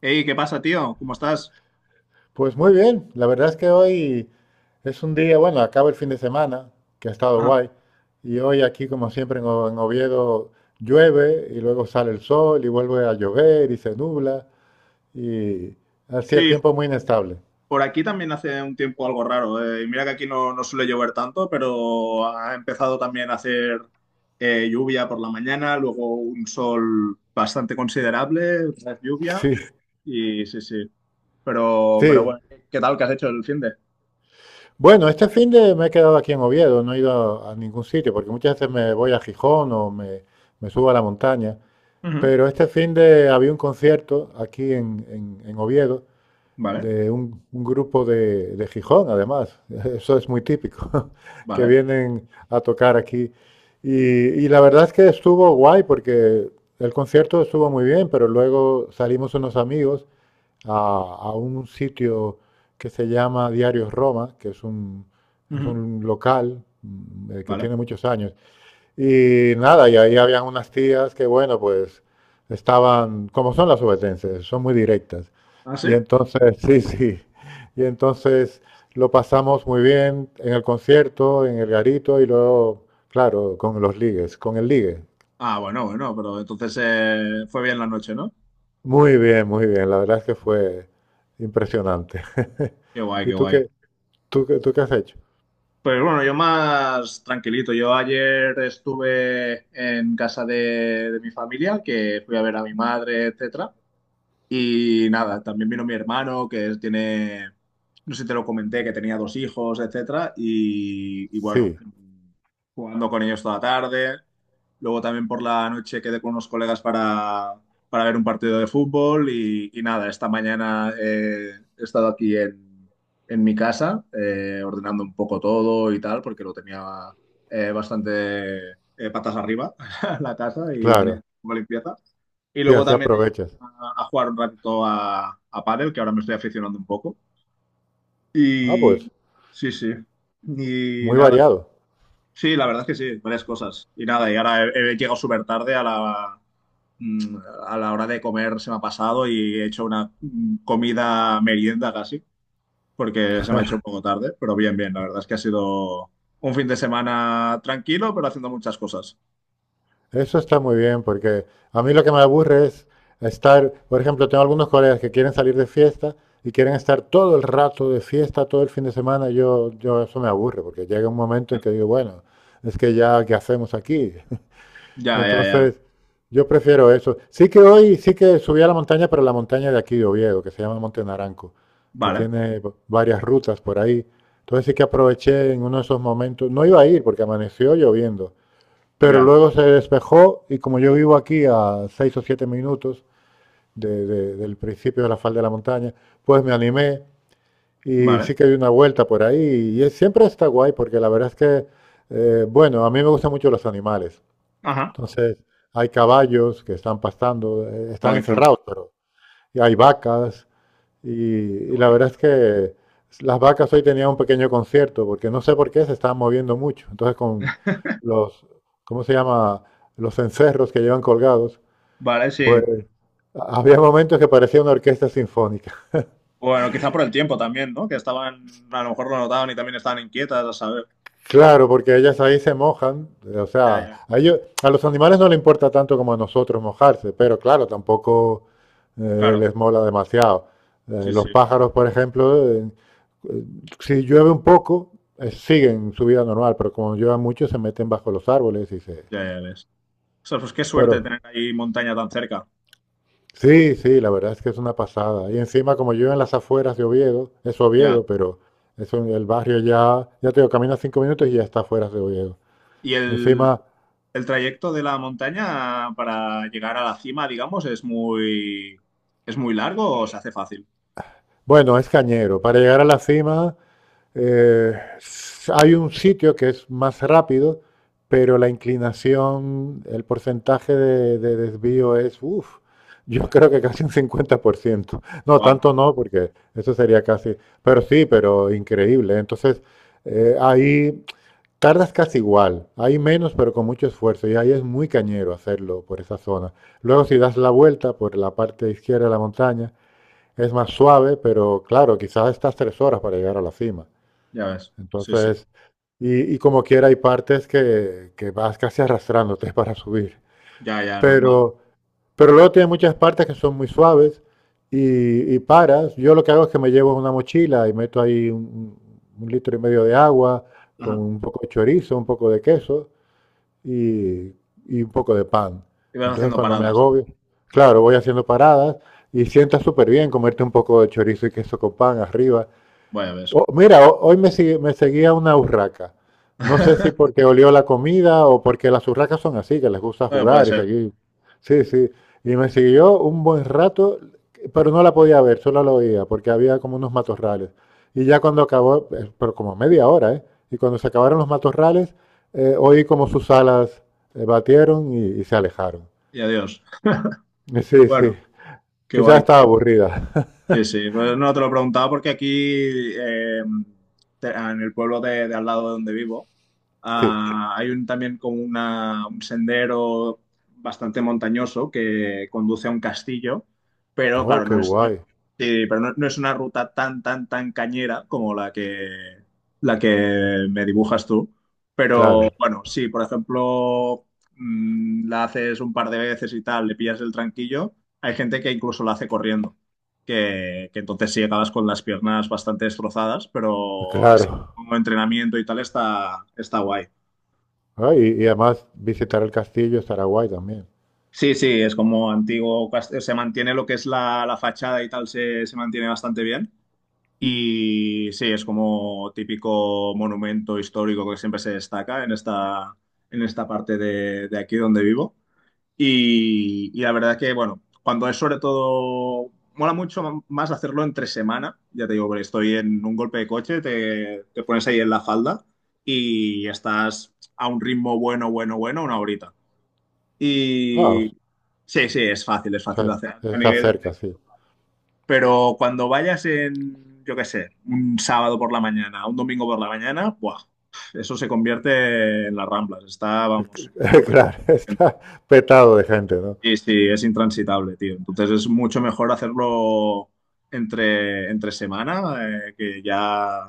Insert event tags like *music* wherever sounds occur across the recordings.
Hey, ¿qué pasa, tío? ¿Cómo estás? Pues muy bien, la verdad es que hoy es un día, bueno, acaba el fin de semana, que ha estado Ajá. guay, y hoy aquí como siempre en en Oviedo llueve y luego sale el sol y vuelve a llover y se nubla y así el Sí, tiempo es muy inestable. por aquí también hace un tiempo algo raro. Y mira que aquí no suele llover tanto, pero ha empezado también a hacer lluvia por la mañana, luego un sol bastante considerable, otra vez *laughs* lluvia. Sí, Y sí, sí. Pero sí. bueno, ¿qué tal? ¿Qué has hecho el fin de? Bueno, este fin de me he quedado aquí en Oviedo, no he ido a ningún sitio porque muchas veces me voy a Gijón me subo a la montaña, Ujú. pero este fin de había un concierto aquí en Oviedo. Vale, De un grupo de Gijón, además, *laughs* eso es muy típico, *laughs* que vale, vienen a tocar aquí. Y la verdad es que estuvo guay porque el concierto estuvo muy bien, pero luego salimos unos amigos a un sitio que se llama Diarios Roma, es ujú, un local que vale. tiene muchos años, y nada, y ahí habían unas tías que, bueno, pues estaban, como son las obetenses, son muy directas. ¿Ah, sí? Y entonces, *laughs* sí, sí. Y entonces lo pasamos muy bien en el concierto, en el garito y luego, claro, con los ligues, con el ligue. Ah, bueno, bueno, pero entonces fue bien la noche, ¿no? Muy bien, muy bien. La verdad es que fue impresionante. *laughs* Qué guay, ¿Y qué tú guay. qué, tú qué has hecho? Pues bueno, yo más tranquilito. Yo ayer estuve en casa de mi familia, que fui a ver a mi madre, etcétera. Y nada, también vino mi hermano, que es- tiene, no sé si te lo comenté, que tenía dos hijos, etcétera. Y bueno, Sí, jugando con ellos toda la tarde. Luego también por la noche quedé con unos colegas para ver un partido de fútbol. Y nada, esta mañana he estado aquí en mi casa, ordenando un poco todo y tal, porque lo tenía bastante patas arriba *laughs* la casa y tenía claro. poca limpieza. Y Sí, luego así también aprovechas. A jugar un ratito a pádel, que ahora me estoy aficionando un poco. Ah, Y pues sí, sí. Y muy nada. variado. Sí, la verdad es que sí, varias cosas. Y nada, y ahora he llegado súper tarde a la, mm, a la hora de comer, se me ha pasado y he hecho una comida merienda casi, porque se me ha hecho un poco tarde, pero bien, bien, la verdad es que ha sido un fin de semana tranquilo, pero haciendo muchas cosas. Eso está muy bien, porque a mí lo que me aburre es estar, por ejemplo, tengo algunos colegas que quieren salir de fiesta y quieren estar todo el rato de fiesta, todo el fin de semana. Yo eso me aburre, porque llega un momento en que digo, bueno, es que ya, ¿qué hacemos aquí? *laughs* Ya, ya, ya. Entonces, yo prefiero eso. Sí que hoy, sí que subí a la montaña, pero la montaña de aquí de Oviedo, que se llama Monte Naranco, que Vale, tiene varias rutas por ahí. Entonces sí que aproveché en uno de esos momentos, no iba a ir porque amaneció lloviendo, pero ya, luego se despejó y como yo vivo aquí a seis o siete minutos del principio de la falda de la montaña, pues me animé y vale. sí que di una vuelta por ahí. Y es- siempre está guay porque la verdad es que, bueno, a mí me gustan mucho los animales. Ajá. Entonces hay caballos que están pastando, Ah, están qué chulo. encerrados, pero y hay vacas y, Qué y la guay. verdad es que las vacas hoy tenían un pequeño concierto, porque no sé por qué se estaban moviendo mucho. Entonces, con los, ¿cómo se llama? Los encerros que llevan colgados, Vale, pues sí. había momentos que parecía una orquesta sinfónica. Bueno, quizá por el tiempo también, ¿no? Que estaban, a lo mejor lo notaban y también estaban inquietas, a saber. Claro, porque ellas ahí se mojan, o Ya, sea, ya, a ellos- a los animales no les importa tanto como a nosotros mojarse, pero claro, tampoco claro, les mola demasiado. Sí, Los sí, pájaros, por ejemplo, eh, si llueve un poco, siguen su vida normal, pero como llueve mucho, se meten bajo los árboles y se... ya, ya ves. O sea, pues qué Pero suerte tener ahí montaña tan cerca, sí, sí, la verdad es que es una pasada. Y encima, como yo en las afueras de Oviedo, es ya. Oviedo, pero es un- el barrio ya, ya te digo, caminas cinco minutos y ya está afuera de Oviedo. Y Encima... el trayecto de la montaña para llegar a la cima, digamos, es muy largo o se hace fácil. Bueno, es cañero. Para llegar a la cima, hay un sitio que es más rápido, pero la inclinación, el porcentaje de desvío es, uff, yo *laughs* Ya. creo que casi un 50%. No, Wow, tanto no, porque eso sería casi, pero sí, pero increíble. Entonces, ahí tardas casi igual. Hay menos, pero con mucho esfuerzo. Y ahí es muy cañero hacerlo por esa zona. Luego, si das la vuelta por la parte izquierda de la montaña, es más suave, pero claro, quizás estás tres horas para llegar a la cima. ya ves, sí, sí, Entonces, y como quiera, hay partes que vas casi arrastrándote *laughs* para subir. ya, ya, normal. Pero, pero luego tiene muchas partes que son muy suaves y paras. Yo lo que hago es que me llevo una mochila y meto ahí un litro y medio de agua con Ajá. un poco de chorizo, un poco de queso y, y un poco de pan. Y vas Entonces haciendo cuando me paradas, agobio, claro, voy haciendo paradas y sienta súper bien comerte un poco de chorizo y queso con pan arriba. vaya, ves. Oh, mira, hoy me, me seguía una urraca. No sé si *laughs* porque olió la comida o porque las urracas son así, que les gusta Bueno, puede jugar y ser. seguir. Sí, sí. Y me siguió un buen rato, pero no la podía ver, solo la oía, porque había como unos matorrales. Y ya cuando acabó, pero como media hora, ¿eh? Y cuando se acabaron los matorrales, oí como sus alas batieron y se alejaron. Y adiós. Sí, Bueno, sí. qué Quizás guay. estaba aburrida. *laughs* Sí, sí, pues no te lo preguntaba porque aquí te- en el pueblo de al lado de donde vivo Sí. ah, hay un, también como una, un sendero bastante montañoso que conduce a un castillo, pero Oh, claro, qué no es, no- guay. sí, pero no, no es una ruta tan cañera como la que me dibujas tú. Pero Claro, bueno, sí, por ejemplo, la haces un par de veces y tal, le pillas el tranquillo, hay gente que incluso la hace corriendo que entonces sí acabas con las piernas bastante destrozadas, pero así claro. como entrenamiento y tal está guay. Ah, y además visitar el castillo estará guay también. Sí, sí, es como antiguo, cas- se mantiene lo que es la fachada y tal, se mantiene bastante bien. Y sí, es como típico monumento histórico que siempre se destaca en en esta parte de aquí donde vivo. Y la verdad que, bueno, cuando es sobre todo, mola mucho más hacerlo entre semana. Ya te digo, porque estoy en un golpe de coche, te pones ahí en la falda y estás a un ritmo bueno, bueno, bueno, una horita. Ah, o Y sí, sí, es fácil sea, de es- hacer a está nivel de- cerca, sí. Pero cuando vayas en, yo qué sé, un sábado por la mañana, un domingo por la mañana, ¡buah! Eso se convierte en las ramblas. Está, vamos, *laughs* súper. Claro, está petado de gente, ¿no? Sí, sí, es intransitable, tío. Entonces es mucho mejor hacerlo entre semana, que ya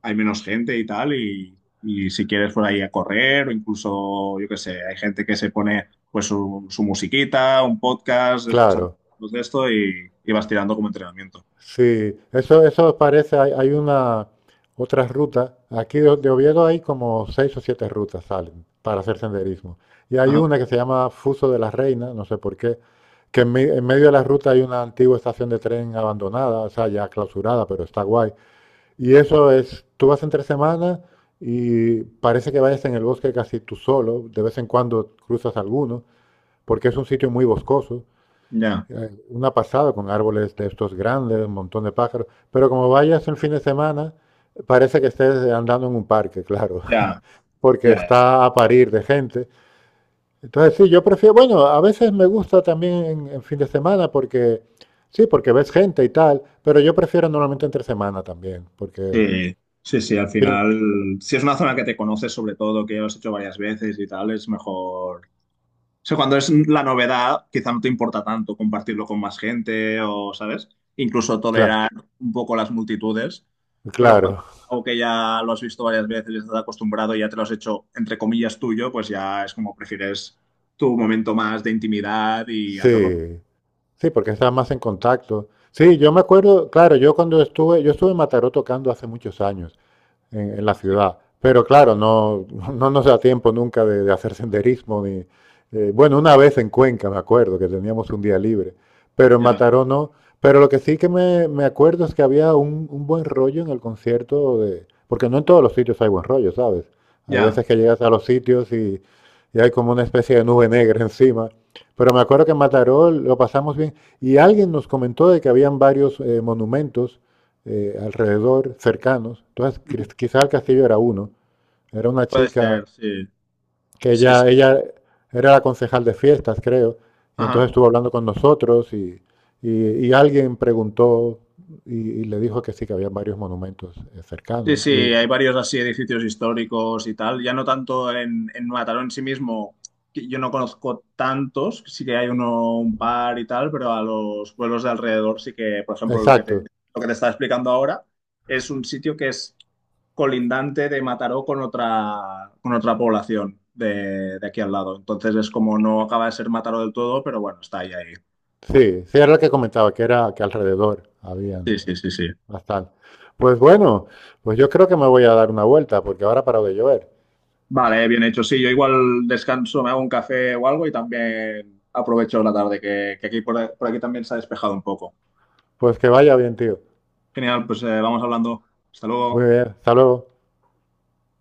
hay menos gente y tal, y si quieres por ahí a correr o incluso, yo qué sé, hay gente que se pone pues su musiquita, un podcast, escuchando Claro, de esto y vas tirando como entrenamiento. sí. Eso parece, hay una, otra ruta. Aquí de Oviedo hay como seis o siete rutas salen para hacer senderismo. Y hay Ajá. una que se llama Fuso de la Reina, no sé por qué, en medio de la ruta hay una antigua estación de tren abandonada, o sea, ya clausurada, pero está guay. Y eso es, tú vas entre semanas y parece que vayas en el bosque casi tú solo, de vez en cuando cruzas alguno, porque es un sitio muy boscoso, Ya, una pasada con árboles de estos grandes, un montón de pájaros, pero como vayas el fin de semana, parece que estés andando en un parque, claro, ya, *laughs* porque ya, ya. está a parir de gente. Entonces sí, yo prefiero, bueno, a veces me gusta también en fin de semana porque, sí, porque ves gente y tal, pero yo prefiero normalmente entre semana también, porque, Sí, sí, sí, al bien, final, si es una zona que te conoces sobre todo, que ya lo has hecho varias veces y tal, es mejor. O sea, cuando es la novedad, quizá no te importa tanto compartirlo con más gente o, ¿sabes? Incluso claro. tolerar un poco las multitudes, pero cuando Claro, es algo que ya lo has visto varias veces y estás acostumbrado y ya te lo has hecho, entre comillas, tuyo, pues ya es como prefieres tu momento más de intimidad y hacerlo sí, sí, porque estaba más en contacto. Sí, yo me acuerdo, claro, yo cuando estuve, yo estuve en Mataró tocando hace muchos años. En la así. ciudad. Pero claro, no nos da tiempo nunca de hacer senderismo. Ni, bueno, una vez en Cuenca, me acuerdo, que teníamos un día libre, pero en Ya, Mataró no. Pero lo que sí que me acuerdo es que había un buen rollo en el concierto, de, porque no en todos los sitios hay buen rollo, ¿sabes? Hay ya, veces que llegas a los sitios y hay como una especie de nube negra *laughs* encima. Pero me acuerdo que en Mataró lo pasamos bien y alguien nos comentó de que habían varios monumentos alrededor, cercanos. Entonces, quizás Castillo era uno. Era una puede chica ser, sí, que sí, sí. Ella era la concejal de fiestas, creo, y Ajá. entonces estuvo hablando con nosotros y alguien preguntó le dijo que sí, que había varios monumentos Sí, cercanos. sí, Y, hay varios así edificios históricos y tal. Ya no tanto en Mataró en sí mismo, que yo no conozco tantos, sí que hay uno, un par y tal, pero a los pueblos de alrededor sí que, por ejemplo, exacto, lo que te estaba explicando ahora es un sitio que es colindante de Mataró con con otra población de aquí al lado. Entonces es como no acaba de ser Mataró del todo, pero bueno, está ahí, ahí. sí, sí, era lo que comentaba, que era que alrededor habían Sí, sí, sí, sí. bastante. Pues bueno, pues yo creo que me voy a dar una vuelta, porque ahora ha parado de llover. Vale, bien hecho. Sí, yo igual descanso, me hago un café o algo y también aprovecho la tarde, que aquí por aquí también se ha despejado un poco. Pues que vaya bien, tío. Genial, pues vamos hablando. Hasta luego. Muy bien, hasta luego.